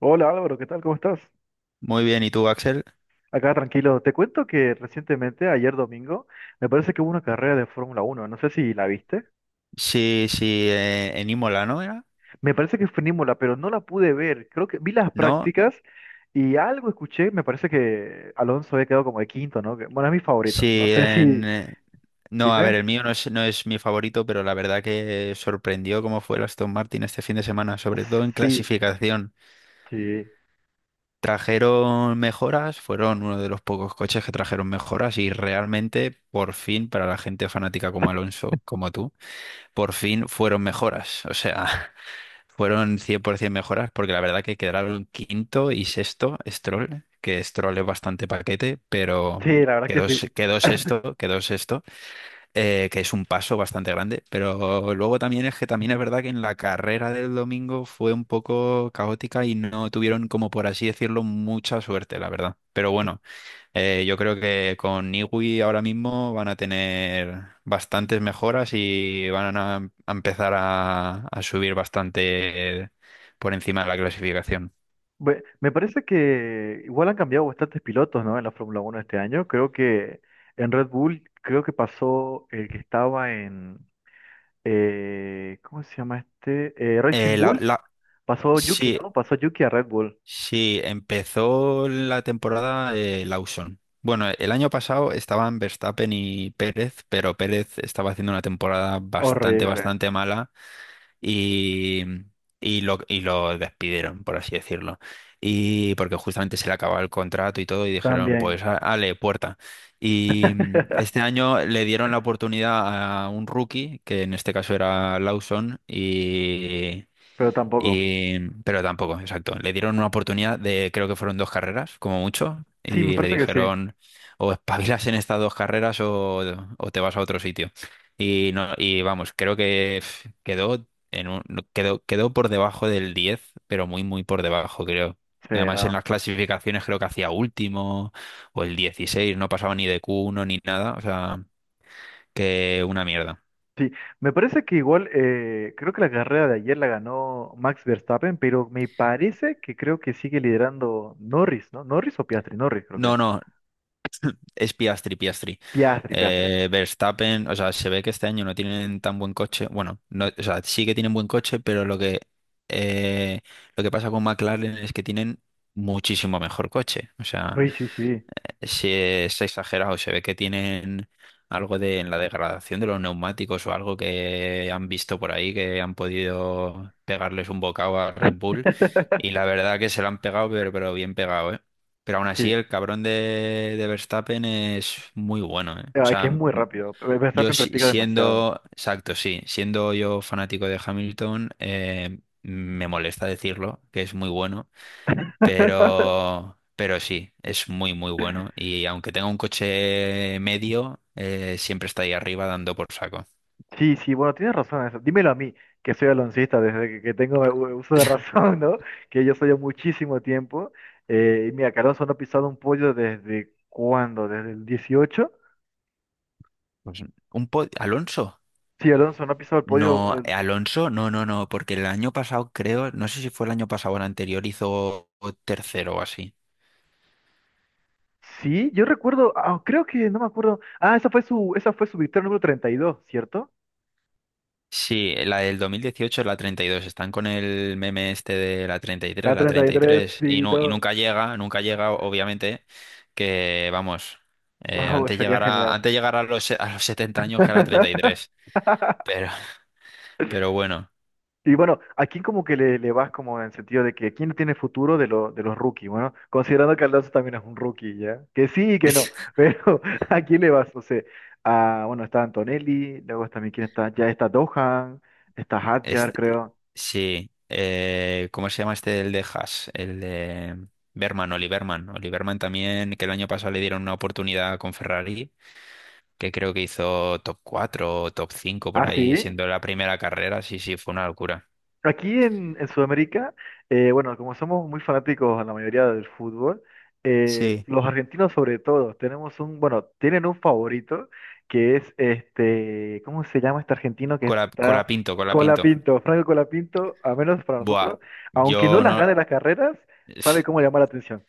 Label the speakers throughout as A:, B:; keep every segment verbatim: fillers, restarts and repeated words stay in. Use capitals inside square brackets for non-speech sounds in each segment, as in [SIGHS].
A: Hola Álvaro, ¿qué tal? ¿Cómo estás?
B: Muy bien, ¿y tú, Axel?
A: Acá tranquilo. Te cuento que recientemente, ayer domingo, me parece que hubo una carrera de Fórmula Uno. No sé si la viste.
B: Sí, sí, eh, en Imola, ¿no era?
A: Me parece que fue en Imola, pero no la pude ver. Creo que vi las
B: No,
A: prácticas y algo escuché. Me parece que Alonso había quedado como de quinto, ¿no? Que- Bueno, es mi favorito. No
B: sí,
A: sé si.
B: en... eh, No, a ver,
A: Dime.
B: el mío no es, no es mi favorito, pero la verdad que eh, sorprendió cómo fue el Aston Martin este fin de semana, sobre todo en
A: Sí,
B: clasificación.
A: sí.
B: Trajeron mejoras, fueron uno de los pocos coches que trajeron mejoras y realmente, por fin, para la gente fanática como Alonso, como tú, por fin fueron mejoras. O sea, [LAUGHS] fueron cien por ciento mejoras, porque la verdad que quedaron quinto y sexto Stroll, que Stroll es bastante paquete, pero
A: Sí, la verdad que
B: quedó,
A: sí.
B: se- quedó sexto, quedó sexto, eh, que es un paso bastante grande. Pero luego también es que también es verdad que en la carrera del domingo fue un poco caótica y no tuvieron, como por así decirlo, mucha suerte, la verdad. Pero bueno, eh, yo creo que con Niwi ahora mismo van a tener bastantes mejoras y van a, em- a empezar a, a subir bastante eh, por encima de la clasificación.
A: Bue- Me parece que igual han cambiado bastantes pilotos, ¿no? En la Fórmula Uno este año. Creo que en Red Bull, creo que pasó el que estaba en. Eh, ¿cómo se llama este? Eh, Racing
B: Eh, la,
A: Bulls.
B: la-
A: Pasó Yuki,
B: sí,
A: ¿no? Pasó Yuki a Red Bull.
B: sí, empezó la temporada eh, Lawson. Bueno, el año pasado estaban Verstappen y Pérez, pero Pérez estaba haciendo una temporada bastante,
A: Horrible.
B: bastante mala y, y lo, y lo despidieron, por así decirlo. Y porque justamente se le acababa el contrato y todo, y dijeron,
A: También.
B: pues, a- ale, puerta. Y mm,
A: [LAUGHS]
B: este año le dieron la oportunidad a un rookie, que en este caso era Lawson,
A: Pero tampoco.
B: y, pero tampoco, exacto. Le dieron una oportunidad de, creo que fueron dos carreras, como mucho,
A: Sí, me
B: y le
A: parece que sí.
B: dijeron, o espabilas en estas dos carreras o, o te vas a otro sitio. Y, no, y vamos, creo que pf, quedó, en un- no, quedó, quedó por debajo del diez pero muy, muy por debajo, creo.
A: Sí,
B: Además, en
A: no.
B: las clasificaciones creo que hacía último o el dieciséis, no pasaba ni de q uno ni nada, o sea, que una mierda.
A: Sí, me parece que igual, eh, creo que la carrera de ayer la ganó Max Verstappen, pero me parece que creo que sigue liderando Norris, ¿no? ¿Norris o Piastri? Norris, creo que.
B: No, no, Es Piastri, Piastri.
A: Piastri, Piastri.
B: Eh, Verstappen, o sea, se ve que este año no tienen tan buen coche. Bueno, no, o sea, sí que tienen buen coche, pero lo que, eh, lo que pasa con McLaren es que tienen muchísimo mejor coche. O sea,
A: Sí, sí, sí.
B: se, se exagera o se ve que tienen algo de en la degradación de los neumáticos o algo que han visto por ahí que han podido pegarles un bocado a Red Bull y
A: [LAUGHS]
B: la verdad que se lo han pegado pero, pero bien pegado, ¿eh? Pero aún así
A: Sí,
B: el cabrón de, de Verstappen es muy bueno, ¿eh? O
A: ah, que es
B: sea,
A: muy rápido.
B: yo
A: Verstappen
B: si-
A: practica demasiado.
B: siendo, exacto, sí, siendo yo fanático de Hamilton, eh, me molesta decirlo, que es muy bueno
A: [LAUGHS]
B: pero, pero sí, es muy, muy bueno. Y aunque tenga un coche medio, eh, siempre está ahí arriba dando por saco.
A: Sí, sí, bueno, tienes razón en eso. Dímelo a mí, que soy aloncista desde que, que tengo u- uso de razón, [LAUGHS] ¿no? Que yo soy muchísimo tiempo. Eh, y mira, que Alonso no ha pisado un pollo desde cuándo, desde el dieciocho.
B: Pues un po- Alonso.
A: Sí, Alonso no ha pisado el pollo.
B: No,
A: Eh,
B: eh, Alonso, no, no, no, porque el año pasado creo, no sé si fue el año pasado o el anterior, hizo tercero o así.
A: sí, yo recuerdo, ah, creo que, no me acuerdo. Ah, esa fue su, esa fue su victoria número treinta y dos, ¿cierto?
B: Sí, la del dos mil dieciocho es la treinta y dos. Están con el meme este de la treinta y tres,
A: La
B: la
A: treinta y tres,
B: treinta y tres. Y, tres. Y,
A: sí,
B: no, y
A: no.
B: nunca llega, nunca llega, obviamente, que vamos, eh,
A: Wow,
B: antes
A: sería
B: llegar a,
A: genial.
B: antes llegar a los, se- a los setenta años que a la treinta y tres.
A: [LAUGHS]
B: Pero, pero bueno.
A: Y bueno, ¿a quién como que le, le vas como en el sentido de que quién no tiene futuro de, lo- de los rookies? Bueno, considerando que Alonso también es un rookie, ¿ya? Que sí y que no,
B: [LAUGHS]
A: pero [LAUGHS] ¿a quién le vas? No sé, a, bueno, está Antonelli, luego también quién está, ya está Dohan, está
B: Es-
A: Hadjar, creo.
B: sí. Eh, ¿cómo se llama este el de Haas? El de Berman, Oli Berman. Oli también, que el año pasado le dieron una oportunidad con Ferrari que creo que hizo top cuatro o top cinco por
A: ¿Ah,
B: ahí,
A: sí?
B: siendo la primera carrera, sí, sí, fue una locura.
A: Aquí en, en Sudamérica, eh, bueno, como somos muy fanáticos a la mayoría del fútbol, eh,
B: Sí,
A: los argentinos sobre todo, tenemos un, bueno, tienen un favorito que es este, ¿cómo se llama este argentino que
B: Cola,
A: está
B: cola pinto, cola pinto.
A: Colapinto, Franco Colapinto, a menos para
B: Buah,
A: nosotros, aunque no
B: yo
A: las
B: no.
A: gane las carreras, sabe
B: [SIGHS]
A: cómo llamar la atención.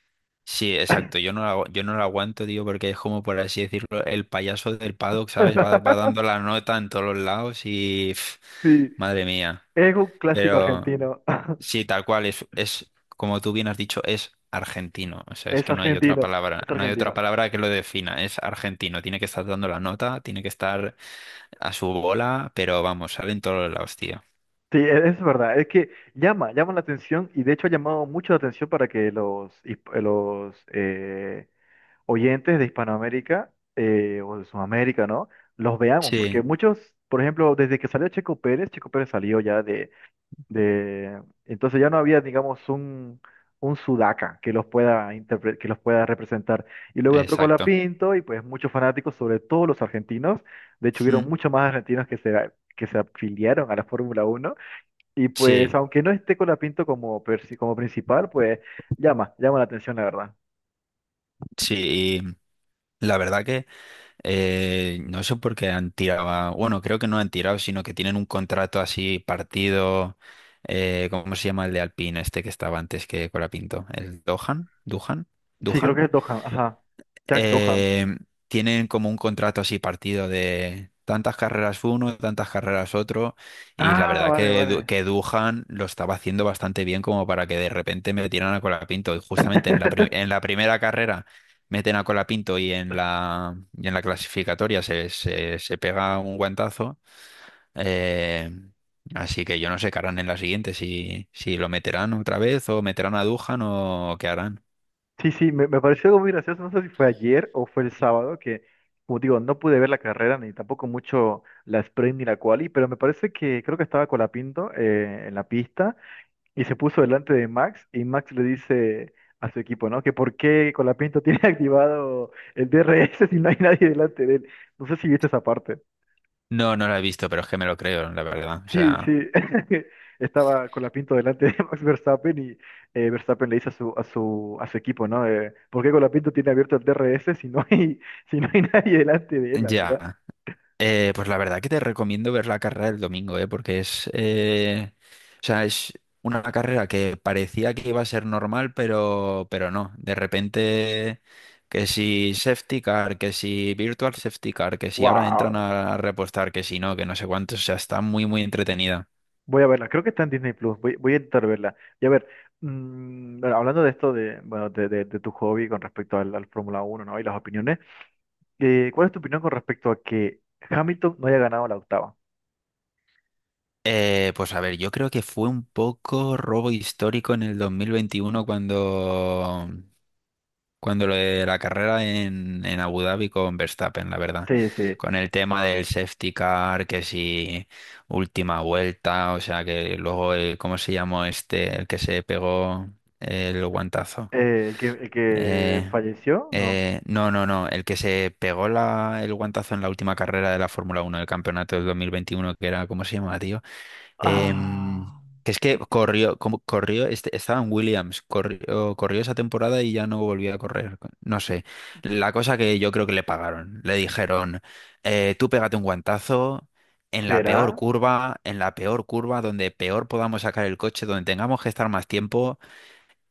B: Sí, exacto, yo no la, agu- yo no la aguanto, tío, porque es como, por así decirlo, el payaso del paddock, ¿sabes? Va, va
A: [LAUGHS]
B: dando la nota en todos los lados y.
A: Sí,
B: [SIGHS] Madre mía.
A: es un clásico
B: Pero.
A: argentino,
B: Sí, tal cual, es, es, como tú bien has dicho, es argentino. O
A: [LAUGHS]
B: sea, es
A: es
B: que no hay otra
A: argentino,
B: palabra,
A: es
B: no hay otra
A: argentino.
B: palabra que lo defina. Es argentino. Tiene que estar dando la nota, tiene que estar a su bola, pero vamos, sale en todos los lados, tío.
A: Sí, e- es verdad, es que llama, llama la atención y de hecho ha llamado mucho la atención para que los, hisp- los eh, oyentes de Hispanoamérica eh, o de Sudamérica, ¿no? Los veamos,
B: Sí,
A: porque muchos, por ejemplo, desde que salió Checo Pérez, Checo Pérez salió ya de, de, entonces ya no había, digamos, un, un sudaca que los pueda interpre- que los pueda representar. Y luego entró
B: exacto.
A: Colapinto y pues muchos fanáticos, sobre todo los argentinos, de hecho hubieron
B: Mm,
A: muchos más argentinos que se, que se afiliaron a la Fórmula Uno. Y pues,
B: sí,
A: aunque no esté Colapinto como, persi- como principal, pues llama, llama la atención, la verdad.
B: sí. Y la verdad que eh, no sé por qué han tirado, a- bueno, creo que no han tirado, sino que tienen un contrato así partido. Eh, ¿cómo se llama el de Alpine este que estaba antes que Colapinto? ¿El Dohan? ¿Duhan?
A: Sí, creo
B: ¿Duhan?
A: que es Dohan, ajá. Jack Dohan.
B: eh, Tienen como un contrato así partido de tantas carreras uno, tantas carreras otro, y la
A: Ah,
B: verdad
A: vale,
B: que, Du-
A: vale.
B: que Duhan lo estaba haciendo bastante bien como para que de repente metieran a Colapinto, y justamente en la, pri- en
A: [LAUGHS]
B: la primera carrera meten a Colapinto y en la, y en la clasificatoria se, se, se pega un guantazo. eh, Así que yo no sé qué harán en la siguiente, si, si lo meterán otra vez o meterán a Duhan o qué harán.
A: Sí, sí, me, me pareció algo muy gracioso. No sé si fue ayer o fue el sábado, que, como digo, no pude ver la carrera ni tampoco mucho la sprint ni la quali, pero me parece que creo que estaba Colapinto eh, en la pista. Y se puso delante de Max y Max le dice a su equipo, ¿no? Que por qué Colapinto tiene [LAUGHS] activado el D R S si no hay nadie delante de él. No sé si viste esa parte.
B: No, no la he visto, pero es que me lo creo, la verdad. O
A: Sí,
B: sea,
A: sí. [LAUGHS] Estaba Colapinto delante de Max Verstappen y eh, Verstappen le dice a su, a su, a su equipo, ¿no? Eh, ¿por qué Colapinto tiene abierto el D R S si no hay, si no hay [LAUGHS] nadie delante de él, la verdad?
B: ya, eh, pues la verdad que te recomiendo ver la carrera del domingo, eh, porque es, eh, o sea, es una carrera que parecía que iba a ser normal, pero, pero no. De repente, que si safety car, que si virtual safety car, que si ahora entran
A: ¡Wow!
B: a repostar, que si no, que no sé cuántos, o sea, está muy, muy entretenida.
A: Voy a verla, creo que está en Disney Plus, voy, voy a intentar verla. Y a ver, mm, bueno, hablando de esto de, bueno, de, de- de tu hobby con respecto al, al Fórmula Uno, ¿no? Y las opiniones, eh, ¿cuál es tu opinión con respecto a que Hamilton no haya ganado la octava?
B: Eh, pues a ver, yo creo que fue un poco robo histórico en el dos mil veintiuno cuando cuando lo de la carrera en, en Abu Dhabi con Verstappen, la verdad.
A: Sí, sí. Eh,
B: Con el tema del safety car, que si última vuelta, o sea, que luego, el, ¿cómo se llamó este, el que se pegó el guantazo?
A: el que, el que
B: Eh,
A: falleció, ¿no?
B: eh, no, no, no, el que se pegó la, el guantazo en la última carrera de la Fórmula Uno del campeonato del dos mil veintiuno, que era, ¿cómo se llama, tío? Em,
A: Ah,
B: que es que corrió, como corrió, este, estaba en Williams, corrió, corrió esa temporada y ya no volvió a correr. No sé. La cosa que yo creo que le pagaron. Le dijeron, eh, tú pégate un guantazo en la peor
A: ¿será?
B: curva, en la peor curva, donde peor podamos sacar el coche, donde tengamos que estar más tiempo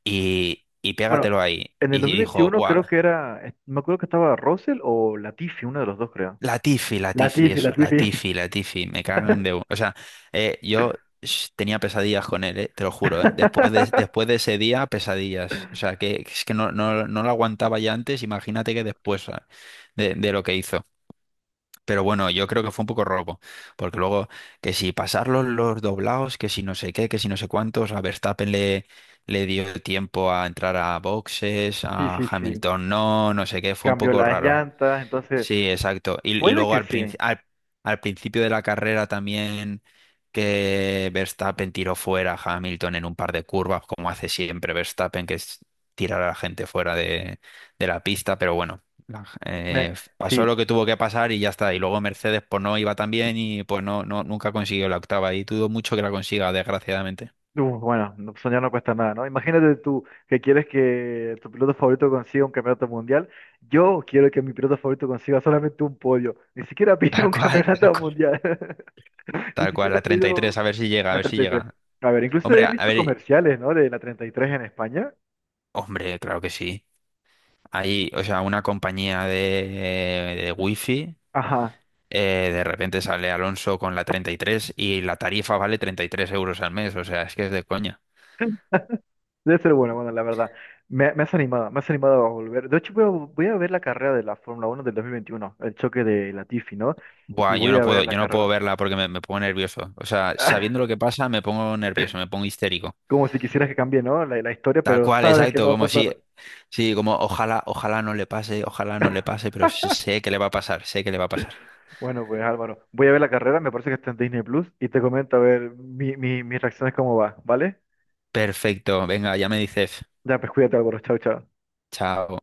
B: y, y
A: Bueno,
B: pégatelo ahí.
A: en el
B: Y dijo,
A: dos mil veintiuno
B: buah.
A: creo que era, eh, me acuerdo que estaba Russell o Latifi, uno de los dos creo.
B: Latifi, Latifi,
A: Latifi,
B: eso,
A: Latifi.
B: Latifi, Latifi, me cagan de... bu- O sea, eh, yo sh- tenía pesadillas con él, ¿eh? Te lo juro, ¿eh? Después de,
A: [LAUGHS]
B: después de ese día, pesadillas. O sea, que es que no, no, no lo aguantaba ya antes, imagínate que después ah, de, de lo que hizo. Pero bueno, yo creo que fue un poco robo, porque luego que si pasar los, los doblados, que si no sé qué, que si no sé cuántos, a Verstappen le, le dio el tiempo a entrar a boxes,
A: Sí,
B: a
A: sí, sí.
B: Hamilton no, no sé qué, fue un
A: Cambió
B: poco
A: las
B: raro.
A: llantas, entonces
B: Sí, exacto. Y, y
A: puede
B: luego
A: que
B: al, princi-
A: sí.
B: al, al principio de la carrera también que Verstappen tiró fuera a Hamilton en un par de curvas, como hace siempre Verstappen, que es tirar a la gente fuera de, de la pista, pero bueno, la-
A: Me,
B: eh,
A: sí,
B: pasó lo que tuvo que pasar y ya está. Y luego Mercedes pues no iba tan bien y pues no, no, nunca consiguió la octava y dudo mucho que la consiga, desgraciadamente.
A: Uh, bueno, no- soñar no cuesta nada, ¿no? Imagínate tú que quieres que tu piloto favorito consiga un campeonato mundial. Yo quiero que mi piloto favorito consiga solamente un podio. Ni siquiera
B: [LAUGHS]
A: pido
B: Tal
A: un [LAUGHS]
B: cual, tal
A: campeonato
B: cual.
A: mundial. [LAUGHS] Ni
B: Tal cual,
A: siquiera
B: la treinta y tres,
A: pido
B: a ver si llega, a
A: la
B: ver si
A: treinta y tres.
B: llega.
A: A ver, incluso
B: Hombre,
A: he
B: a a
A: visto
B: ver,
A: comerciales, ¿no? De la treinta y tres en España.
B: hombre, claro que sí. Ahí, o sea, una compañía de, de wifi,
A: Ajá.
B: eh, de repente sale Alonso con la treinta y tres y tres y la tarifa vale treinta y tres euros al mes, o sea, es que es de coña.
A: Debe ser bueno, bueno, la verdad. Me, me has animado, me has animado a volver. De hecho, voy a, voy a ver la carrera de la Fórmula Uno del dos mil veintiuno, el choque de Latifi, ¿no? Y
B: Buah, yo
A: voy
B: no
A: a Uh,
B: puedo,
A: ver la
B: yo no puedo
A: carrera.
B: verla porque me, me pongo nervioso. O sea, sabiendo lo
A: [LAUGHS]
B: que pasa, me pongo nervioso, me pongo histérico.
A: Como si quisieras que cambie, ¿no? La, la historia,
B: Tal
A: pero
B: cual,
A: sabes que
B: exacto,
A: no va
B: como
A: a
B: si,
A: pasar.
B: sí, como ojalá, ojalá no le pase, ojalá no le pase, pero sé sé que le va a pasar, sé que le va a pasar.
A: Bueno, pues Álvaro, voy a ver la carrera, me parece que está en Disney Plus, y te comento a ver mi, mi, mis reacciones cómo va, ¿vale?
B: Perfecto, venga, ya me dices,
A: Ya, pues cuídate, Álvaro, chao, chao.
B: chao.